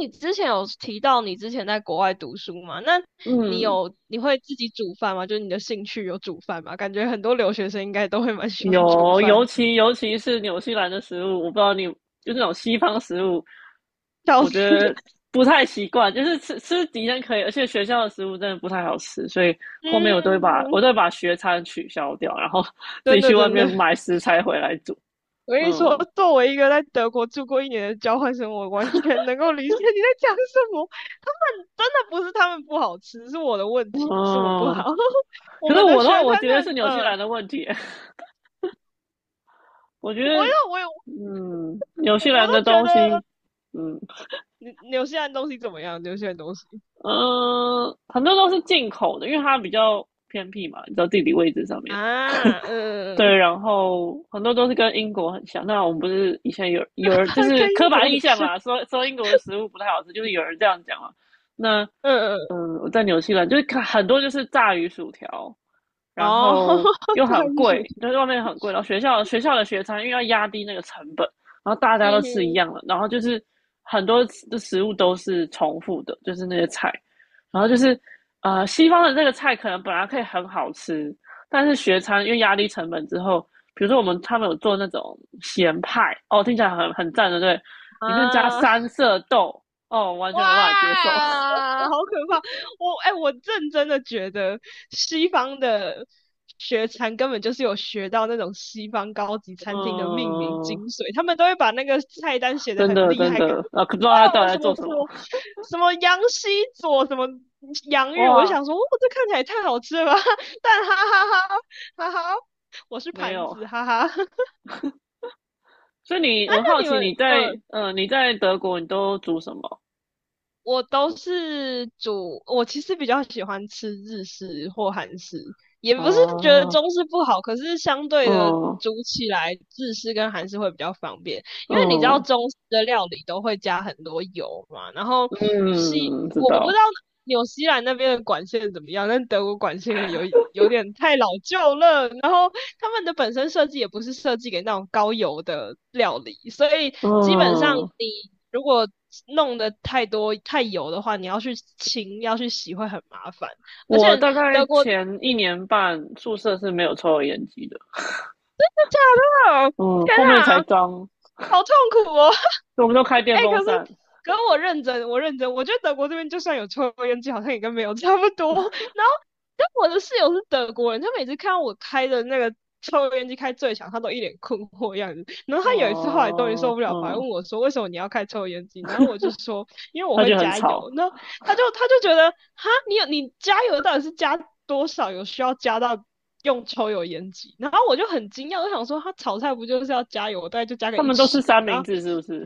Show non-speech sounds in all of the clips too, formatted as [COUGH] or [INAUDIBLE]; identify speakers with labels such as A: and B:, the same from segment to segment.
A: 你之前有提到你之前在国外读书嘛？那你
B: 嗯，
A: 有你会自己煮饭吗？就是你的兴趣有煮饭吗？感觉很多留学生应该都会蛮喜欢煮
B: 有，
A: 饭，
B: 尤其是纽西兰的食物，我不知道你，就那种西方食物，
A: 笑
B: 我觉
A: 死！
B: 得
A: [LAUGHS]
B: 不太习惯。就是吃吃敌人可以，而且学校的食物真的不太好吃，所以后面我都会把我
A: 嗯，
B: 都会把学餐取消掉，然后 [LAUGHS] 自
A: 真
B: 己
A: 的
B: 去外
A: 真的，
B: 面买食材回来煮。
A: 我跟你说，
B: 嗯
A: 作为一个在德国住过一年的交换生，我完全能够理解你在讲什么。他们真的不是他们不好吃，是我的问题，是我不好。
B: 嗯。
A: [LAUGHS] 我
B: 可是
A: 们的
B: 我的
A: 学
B: 话，
A: 生
B: 我觉得是
A: 呢，
B: 纽西兰的问题。[LAUGHS] 我觉
A: 我
B: 得
A: 要我有
B: 纽
A: 我
B: 西
A: 我
B: 兰
A: 都
B: 的
A: 觉
B: 东
A: 得
B: 西，嗯，
A: 纽西兰东西怎么样？纽西兰东西。
B: 嗯，很多都是进口的，因为它比较偏僻嘛，你知道地理位置上面。
A: 啊，
B: 对，
A: 嗯，
B: 然后很多都是跟英国很像。那我们不是以前有
A: 它
B: 有人就
A: [LAUGHS]
B: 是
A: 跟英
B: 刻
A: 国
B: 板
A: 很
B: 印象
A: 像。
B: 嘛，说英国的食物不太好吃，就是有人这样讲嘛。那
A: [LAUGHS]，嗯，
B: 我在纽西兰就是看很多就是炸鱼薯条，然
A: 哦，
B: 后
A: [LAUGHS]
B: 又
A: 它
B: 很
A: 还是属
B: 贵，
A: 于
B: 就是外面很贵。然后学校的学餐，因为要压低那个成本，然后大家都吃一
A: 嗯
B: 样的，然后就是很多的食物都是重复的，就是那些菜。然后就是西方的这个菜可能本来可以很好吃，但是学餐因为压低成本之后，比如说他们有做那种咸派，哦，听起来很赞的，对，
A: 哼，
B: 里面加
A: 啊，
B: 三色豆，哦，完全没办法接受。
A: 哇，好可怕！我我认真的觉得西方的学餐根本就是有学到那种西方高级
B: [LAUGHS]
A: 餐厅的命名
B: 嗯。
A: 精髓，他们都会把那个菜单写得
B: 真
A: 很
B: 的
A: 厉
B: 真
A: 害，感觉。
B: 的，啊，不知道
A: 哇，
B: 他到
A: 我
B: 底
A: 什
B: 在
A: 么
B: 做
A: 什
B: 什么。
A: 么什么羊西佐什么洋芋，我就
B: 哇，
A: 想说，哦，这看起来也太好吃了吧！[LAUGHS] 但哈哈哈哈哈哈，我是
B: 没
A: 盘
B: 有。
A: 子，哈哈。[LAUGHS]
B: 所以
A: 那
B: 我好
A: 你
B: 奇
A: 们嗯。
B: 你在德国你都煮什么？
A: 我都是煮，我其实比较喜欢吃日式或韩式，也不是觉得
B: 哦，
A: 中式不好，可是相对的
B: 嗯
A: 煮起来日式跟韩式会比较方便，因为你知道
B: 嗯
A: 中式的料理都会加很多油嘛，然后西，
B: 嗯，知
A: 我不知道
B: 道。
A: 纽西兰那边的管线怎么样，但德国管线有点太老旧了，然后他们的本身设计也不是设计给那种高油的料理，所以基本上
B: 嗯，
A: 你如果弄得太多太油的话，你要去洗会很麻烦，而且
B: 我大概
A: 德国，
B: 前一
A: 嗯，
B: 年半宿舍是没有抽油烟机的，
A: 哦，
B: 嗯，
A: 天
B: 后面
A: 哪，
B: 才装，
A: 好痛苦哦！
B: 所以我们都开
A: 哎、
B: 电
A: 欸可
B: 风
A: 是
B: 扇。
A: 可是我认真,我觉得德国这边就算有抽烟机，好像也跟没有差不多。然后，但我的室友是德国人，他每次看到我开的那个抽烟机开最强，他都一脸困惑的样子。然后他有一次后来终于受
B: 哦，
A: 不了，反而
B: 嗯，
A: 问我说："为什么你要开抽烟机？"然后我就说："因为我
B: 他
A: 会
B: 就很
A: 加
B: 吵。
A: 油。"那他就觉得："哈，你加油到底是加多少？有需要加到？"用抽油烟机，然后我就很惊讶，我想说，他炒菜不就是要加油，我大概就加个
B: 他
A: 一
B: 们都吃
A: 尺啊，
B: 三
A: 然
B: 明
A: 后
B: 治是不是？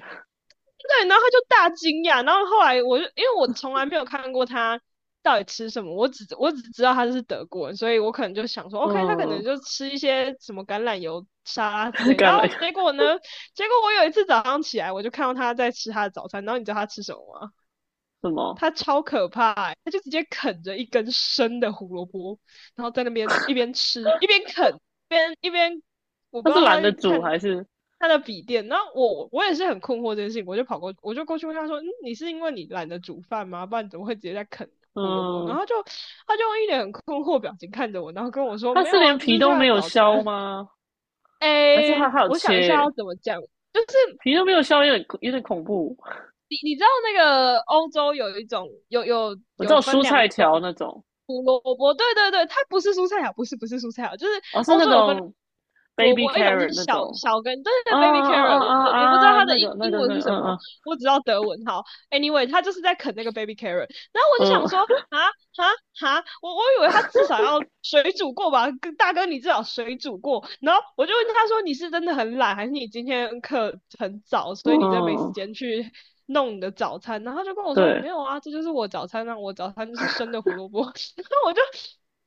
A: 对，然后他就大惊讶，然后后来我就因为我从来没有看过他到底吃什么，我只知道他是德国人，所以我可能就想说，OK,他可能
B: 嗯，
A: 就吃一些什么橄榄油沙拉之
B: [LAUGHS]
A: 类。然
B: 橄
A: 后
B: 榄
A: 结果呢，结果我有一次早上起来，我就看到他在吃他的早餐，然后你知道他吃什么吗？
B: 什么？
A: 他超可怕，他就直接啃着一根生的胡萝卜，然后在那边一边吃一边啃，一边一边，我不知
B: 他是
A: 道他
B: 懒
A: 在
B: 得煮
A: 看
B: 还是？
A: 他的笔电。然后我也是很困惑这件事情，我就过去问他说："嗯，你是因为你懒得煮饭吗？不然怎么会直接在啃胡萝卜？"然
B: 嗯，
A: 后他用一脸很困惑表情看着我，然后跟我说：
B: 他
A: “没
B: 是
A: 有啊，
B: 连
A: 这就
B: 皮
A: 是
B: 都
A: 他
B: 没
A: 的
B: 有
A: 早
B: 削
A: 餐。[LAUGHS]”
B: 吗？还是
A: 哎，
B: 它好
A: 我想一下要
B: 切
A: 怎么讲，就是
B: 皮都没有削，有点恐怖。
A: 你知道那个欧洲有一种有有
B: 我知
A: 有
B: 道
A: 分
B: 蔬
A: 两
B: 菜
A: 种
B: 条那种，
A: 胡萝卜，对对对，它不是蔬菜啊，不是不是蔬菜啊，就是
B: 哦，是
A: 欧
B: 那
A: 洲有分
B: 种
A: 胡萝
B: baby
A: 卜，一种是
B: carrot 那
A: 小
B: 种。
A: 小根，对对
B: 啊
A: 对，baby
B: 啊
A: carrot,
B: 啊
A: 我不知
B: 啊
A: 道
B: 啊，
A: 它的英英文是什么，
B: 嗯
A: 我只知道德文。好，anyway,它就是在啃那个 baby carrot。然后我就想说，
B: 嗯
A: 啊啊啊！我我以为他至少要水煮过吧，大哥你至少水煮过。然后我就问他说，你是真的很懒，还是你今天课很早，
B: 嗯
A: 所以你真的没时
B: 嗯，
A: 间去弄你的早餐？然后他就跟我说，
B: 对，
A: 没有啊，这就是我早餐，那我早餐就是生的胡萝卜。[LAUGHS] 然后我就。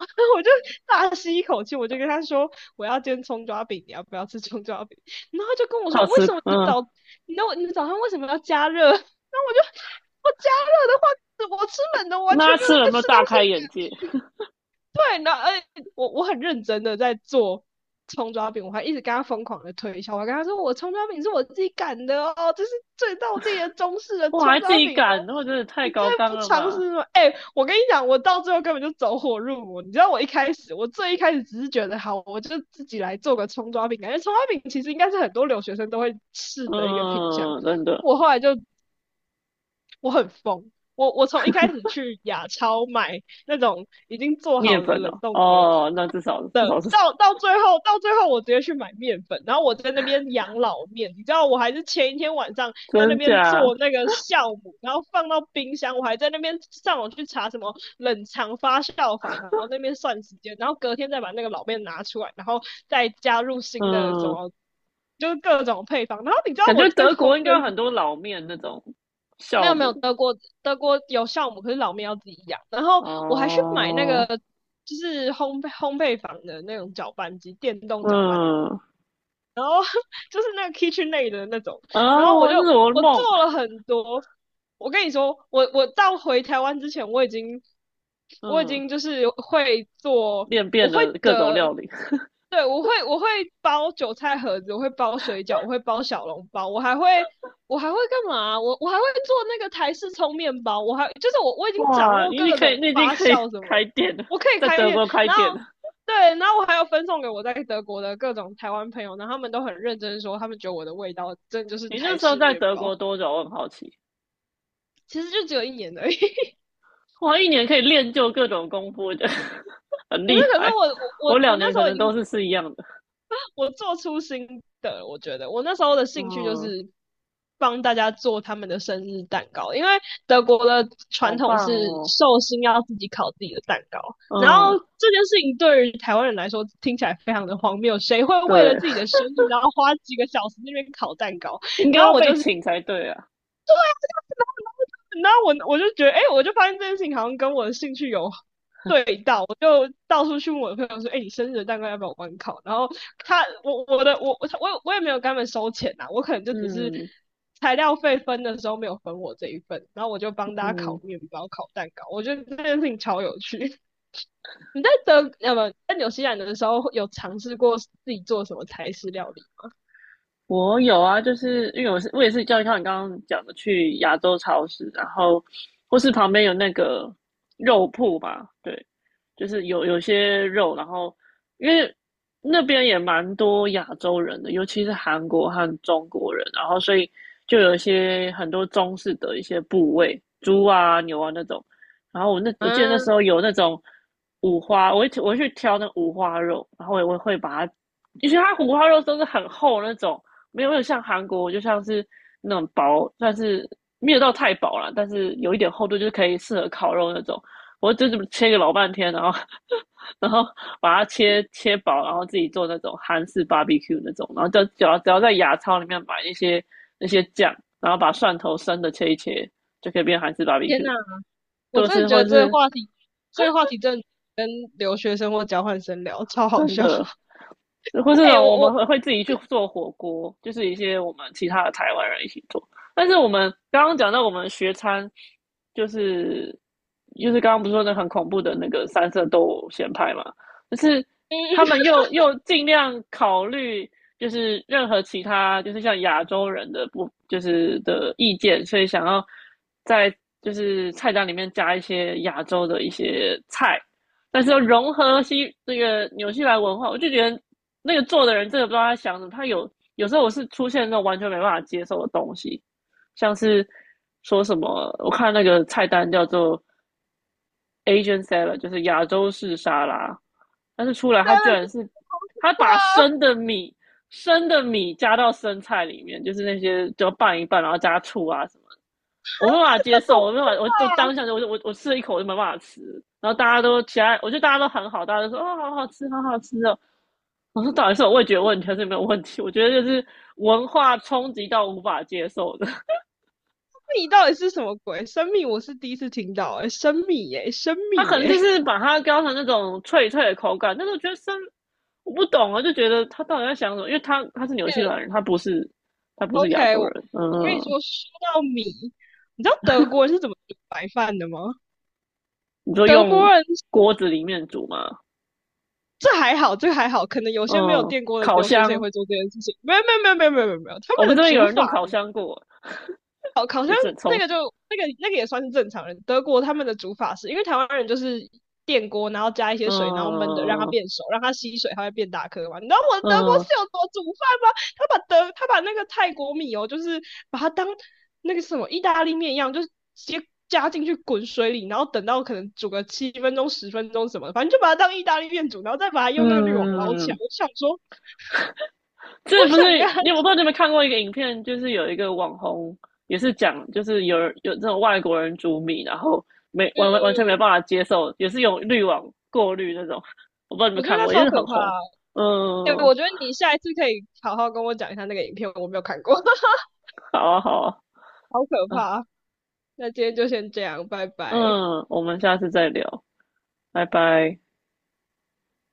A: [LAUGHS] 我就大吸一口气，我就跟他说我要煎葱抓饼，你要不要吃葱抓饼？然后他就跟我
B: 他
A: 说
B: 有
A: 为
B: 吃。
A: 什么你的
B: 嗯，
A: 早，你的你的早餐为什么要加热？[LAUGHS] 然后我就，我加热的话我吃冷的完全
B: 那他
A: 没
B: 吃
A: 有
B: 了有
A: 在
B: 没有
A: 吃东
B: 大
A: 西
B: 开眼界？
A: 的感觉。对，然后欸，我我很认真的在做葱抓饼，我还一直跟他疯狂的推销，我还跟他说我葱抓饼是我自己擀的哦，这是最道地的中式的
B: 哇，
A: 葱
B: 还自
A: 抓
B: 己
A: 饼哦。
B: 擀，那我真的太
A: 你再
B: 高纲
A: 不
B: 了
A: 尝
B: 吧？
A: 试吗？我跟你讲，我到最后根本就走火入魔。你知道我一开始，我最一开始只是觉得好，我就自己来做个葱抓饼，感觉葱抓饼其实应该是很多留学生都会试的一个品相。
B: 嗯，真的。
A: 我后来就我很疯，我从一开始去亚超买那种已经做好
B: 面
A: 的
B: 粉
A: 冷
B: 哦，
A: 冻的
B: 哦，那至少至
A: 的，
B: 少是 [LAUGHS]
A: 到最后我直接去买面粉，然后我在那边养老面，你知道我还是前一天晚上在那
B: 真
A: 边
B: 假。
A: 做那个酵母，然后放到冰箱，我还在那边上网去查什么冷藏发酵法，然后那边算时间，然后隔天再把那个老面拿出来，然后再加入新的什
B: 嗯，
A: 么。就是各种配方，然后你知道
B: 感
A: 我
B: 觉
A: 最
B: 德
A: 疯
B: 国
A: 的
B: 应该有
A: 是
B: 很多老面那种
A: 没
B: 酵
A: 有没有，
B: 母。
A: 德国有酵母，可是老面要自己养。然后我还是买那
B: 哦，
A: 个就是烘焙坊的那种搅拌机，电动搅拌，
B: 嗯，
A: 然后 [LAUGHS] 就是那个 KitchenAid 的那种，然
B: 啊，
A: 后我
B: 我
A: 就，
B: 是我
A: 我做
B: 梦。
A: 了很多。我跟你说，我我到回台湾之前，我已经我已
B: 嗯，
A: 经就是会做，
B: 练
A: 我
B: 遍
A: 会
B: 了各种
A: 的，
B: 料理。
A: 对，我会包韭菜盒子，我会包水饺，我会包小笼包，我还会干嘛啊？我还会做那个台式葱面包，我还，就是，我已经掌
B: 哇，
A: 握
B: 你已经
A: 各
B: 可
A: 种
B: 以，你已经
A: 发
B: 可以
A: 酵什
B: 开
A: 么，
B: 店了，
A: 我可以
B: 在
A: 开
B: 德
A: 店。
B: 国开
A: 然
B: 店了。
A: 后对，然后我还要分送给我在德国的各种台湾朋友，然后他们都很认真说，他们觉得我的味道真的就是
B: 你那
A: 台
B: 时候
A: 式
B: 在
A: 面
B: 德国
A: 包，
B: 多久？我很好奇。
A: 其实就只有一年而已。[LAUGHS]
B: 哇，一年可以练就各种功夫，的，[LAUGHS] 很
A: 可是
B: 厉
A: 可是
B: 害。
A: 我我我
B: 我
A: 我
B: 两
A: 那
B: 年
A: 时
B: 可
A: 候已
B: 能都
A: 经，
B: 是一样的。
A: 我做出新的，我觉得我那时候的兴趣就
B: 嗯，
A: 是帮大家做他们的生日蛋糕，因为德国的传
B: 好
A: 统
B: 棒
A: 是
B: 哦。
A: 寿星要自己烤自己的蛋糕，然后
B: 嗯，
A: 这件事情对于台湾人来说听起来非常的荒谬，谁会为了
B: 对，
A: 自己的生日然后花几个小时在那边烤蛋糕？
B: 应该
A: 然后
B: 要
A: 我就
B: 被
A: 是，
B: 请才对啊。
A: 然后,我我就觉得，欸，我就发现这件事情好像跟我的兴趣有对到，我就到处去问我的朋友说，欸，你生日的蛋糕要不要我帮你烤？然后他，我我的我我我也没有跟他们收钱我可能就只是
B: 嗯
A: 材料费分的时候没有分我这一份，然后我就帮大家烤
B: 嗯。
A: 面包、烤蛋糕，我觉得这件事情超有趣。[LAUGHS] 你在德呃不在纽西兰的时候有尝试过自己做什么台式料理吗？
B: 我有啊，就是因为我也是叫像你刚刚讲的去亚洲超市，然后或是旁边有那个肉铺吧，对，就是有些肉，然后因为那边也蛮多亚洲人的，尤其是韩国和中国人，然后所以就有一些很多中式的一些部位，猪啊、牛啊那种。然后我记得
A: 嗯
B: 那时
A: 啊，
B: 候有那种五花，我会去挑那五花肉，然后我会把它，因为它五花肉都是很厚那种，没有没有像韩国就像是那种薄，但是没有到太薄啦，但是有一点厚度，就是可以适合烤肉那种。我就这么切个老半天，然后 [LAUGHS] 然后把它切切薄，然后自己做那种韩式 barbecue 那种，然后就只要在亚超里面买一些那些酱，然后把蒜头生的切一切，就可以变韩式
A: 天
B: barbecue，
A: 哪！我
B: 就
A: 真的
B: 是
A: 觉
B: 或
A: 得
B: 者
A: 这个
B: 是
A: 话题，这个话题真的跟留学生或交换生聊超好
B: 真
A: 笑。
B: 的
A: [LAUGHS]
B: 或这
A: 哎、我
B: 种我们
A: 我
B: 会自己去做火锅，就是一些我们其他的台湾人一起做。但是我们刚刚讲到我们学餐，就是就是刚刚不是说那很恐怖的那个三色豆咸派嘛，就是
A: 嗯，
B: 他们又尽量考虑就是任何其他就是像亚洲人的不就是的意见，所以想要在就是菜单里面加一些亚洲的一些菜，但是又融合这个纽西兰文化，我就觉得那个做的人真的不知道他想什么。有时候我是出现那种完全没办法接受的东西，像是说什么，我看那个菜单叫做 Asian salad，就是亚洲式沙拉，但是出来
A: 真
B: 他居
A: 的是
B: 然
A: 吧？
B: 把生的米加到生菜里面，就是那些就拌一拌，然后加醋啊，我没办法接受，我没办法，
A: 不
B: 我就
A: 怕啊！生
B: 当下就我吃了一口我就没办法吃，然后大家都其他，我觉得大家都很好，大家都说哦好好吃，好好吃哦。我说到底是我味觉问题还是没有问题？我觉得就是文化冲击到无法接受的。[LAUGHS]
A: 米到底是什么鬼？生米我是第一次听到、哎，生米耶、生
B: 他
A: 米
B: 可能
A: 耶、
B: 就
A: [LAUGHS]
B: 是把它雕成那种脆脆的口感，但是我觉得我不懂啊，就觉得他到底在想什么？因为他是纽西兰
A: 哎
B: 人，他不是亚
A: OK,
B: 洲
A: 我
B: 人。
A: 我跟你
B: 嗯，
A: 说，说到米，你知道德国人是怎么煮白饭的吗？
B: 你就
A: 德国
B: 用
A: 人，
B: 锅子里面煮嘛，
A: 这还好，这还好，可能有些没有
B: 嗯，
A: 电锅的
B: 烤
A: 留学生也
B: 箱，
A: 会做这件事情。没有没有没有没有没有没有，没有他
B: 我
A: 们
B: 们
A: 的
B: 这边有
A: 煮
B: 人
A: 法。
B: 用烤箱过，也是很
A: 那
B: 充
A: 个就
B: 实。
A: 那个那个也算是正常人。德国他们的煮法是，因为台湾人就是电锅，然后加一些水，然后焖的，让它
B: 嗯
A: 变熟，让它吸水，它会变大颗嘛。你知道我的德国
B: 嗯
A: 室
B: 嗯，
A: 友怎么煮饭吗？他把那个泰国米哦，就是把它当那个什么意大利面一样，就是直接加进去滚水里，然后等到可能煮个7分钟、10分钟什么的，反正就把它当意大利面煮，然后再把它用
B: 嗯
A: 那个滤网捞起
B: 嗯嗯
A: 来。
B: 嗯，
A: 我想说，我
B: 这不是
A: 想跟他，
B: 你我不知道你有没有看过一个影片，就是有一个网红也是讲，就是有这种外国人煮米，然后没完全没办法接受，也是用滤网过滤那种，我不知道你们
A: 我觉得
B: 看
A: 那
B: 过，也
A: 超
B: 是
A: 可
B: 很
A: 怕啊。
B: 红。嗯，
A: 我觉得你下一次可以好好跟我讲一下那个影片，我没有看过，[LAUGHS]
B: 好啊好啊。
A: 好可
B: 啊，
A: 怕。那今天就先这样，拜拜。
B: 嗯，我们下次再聊，拜拜。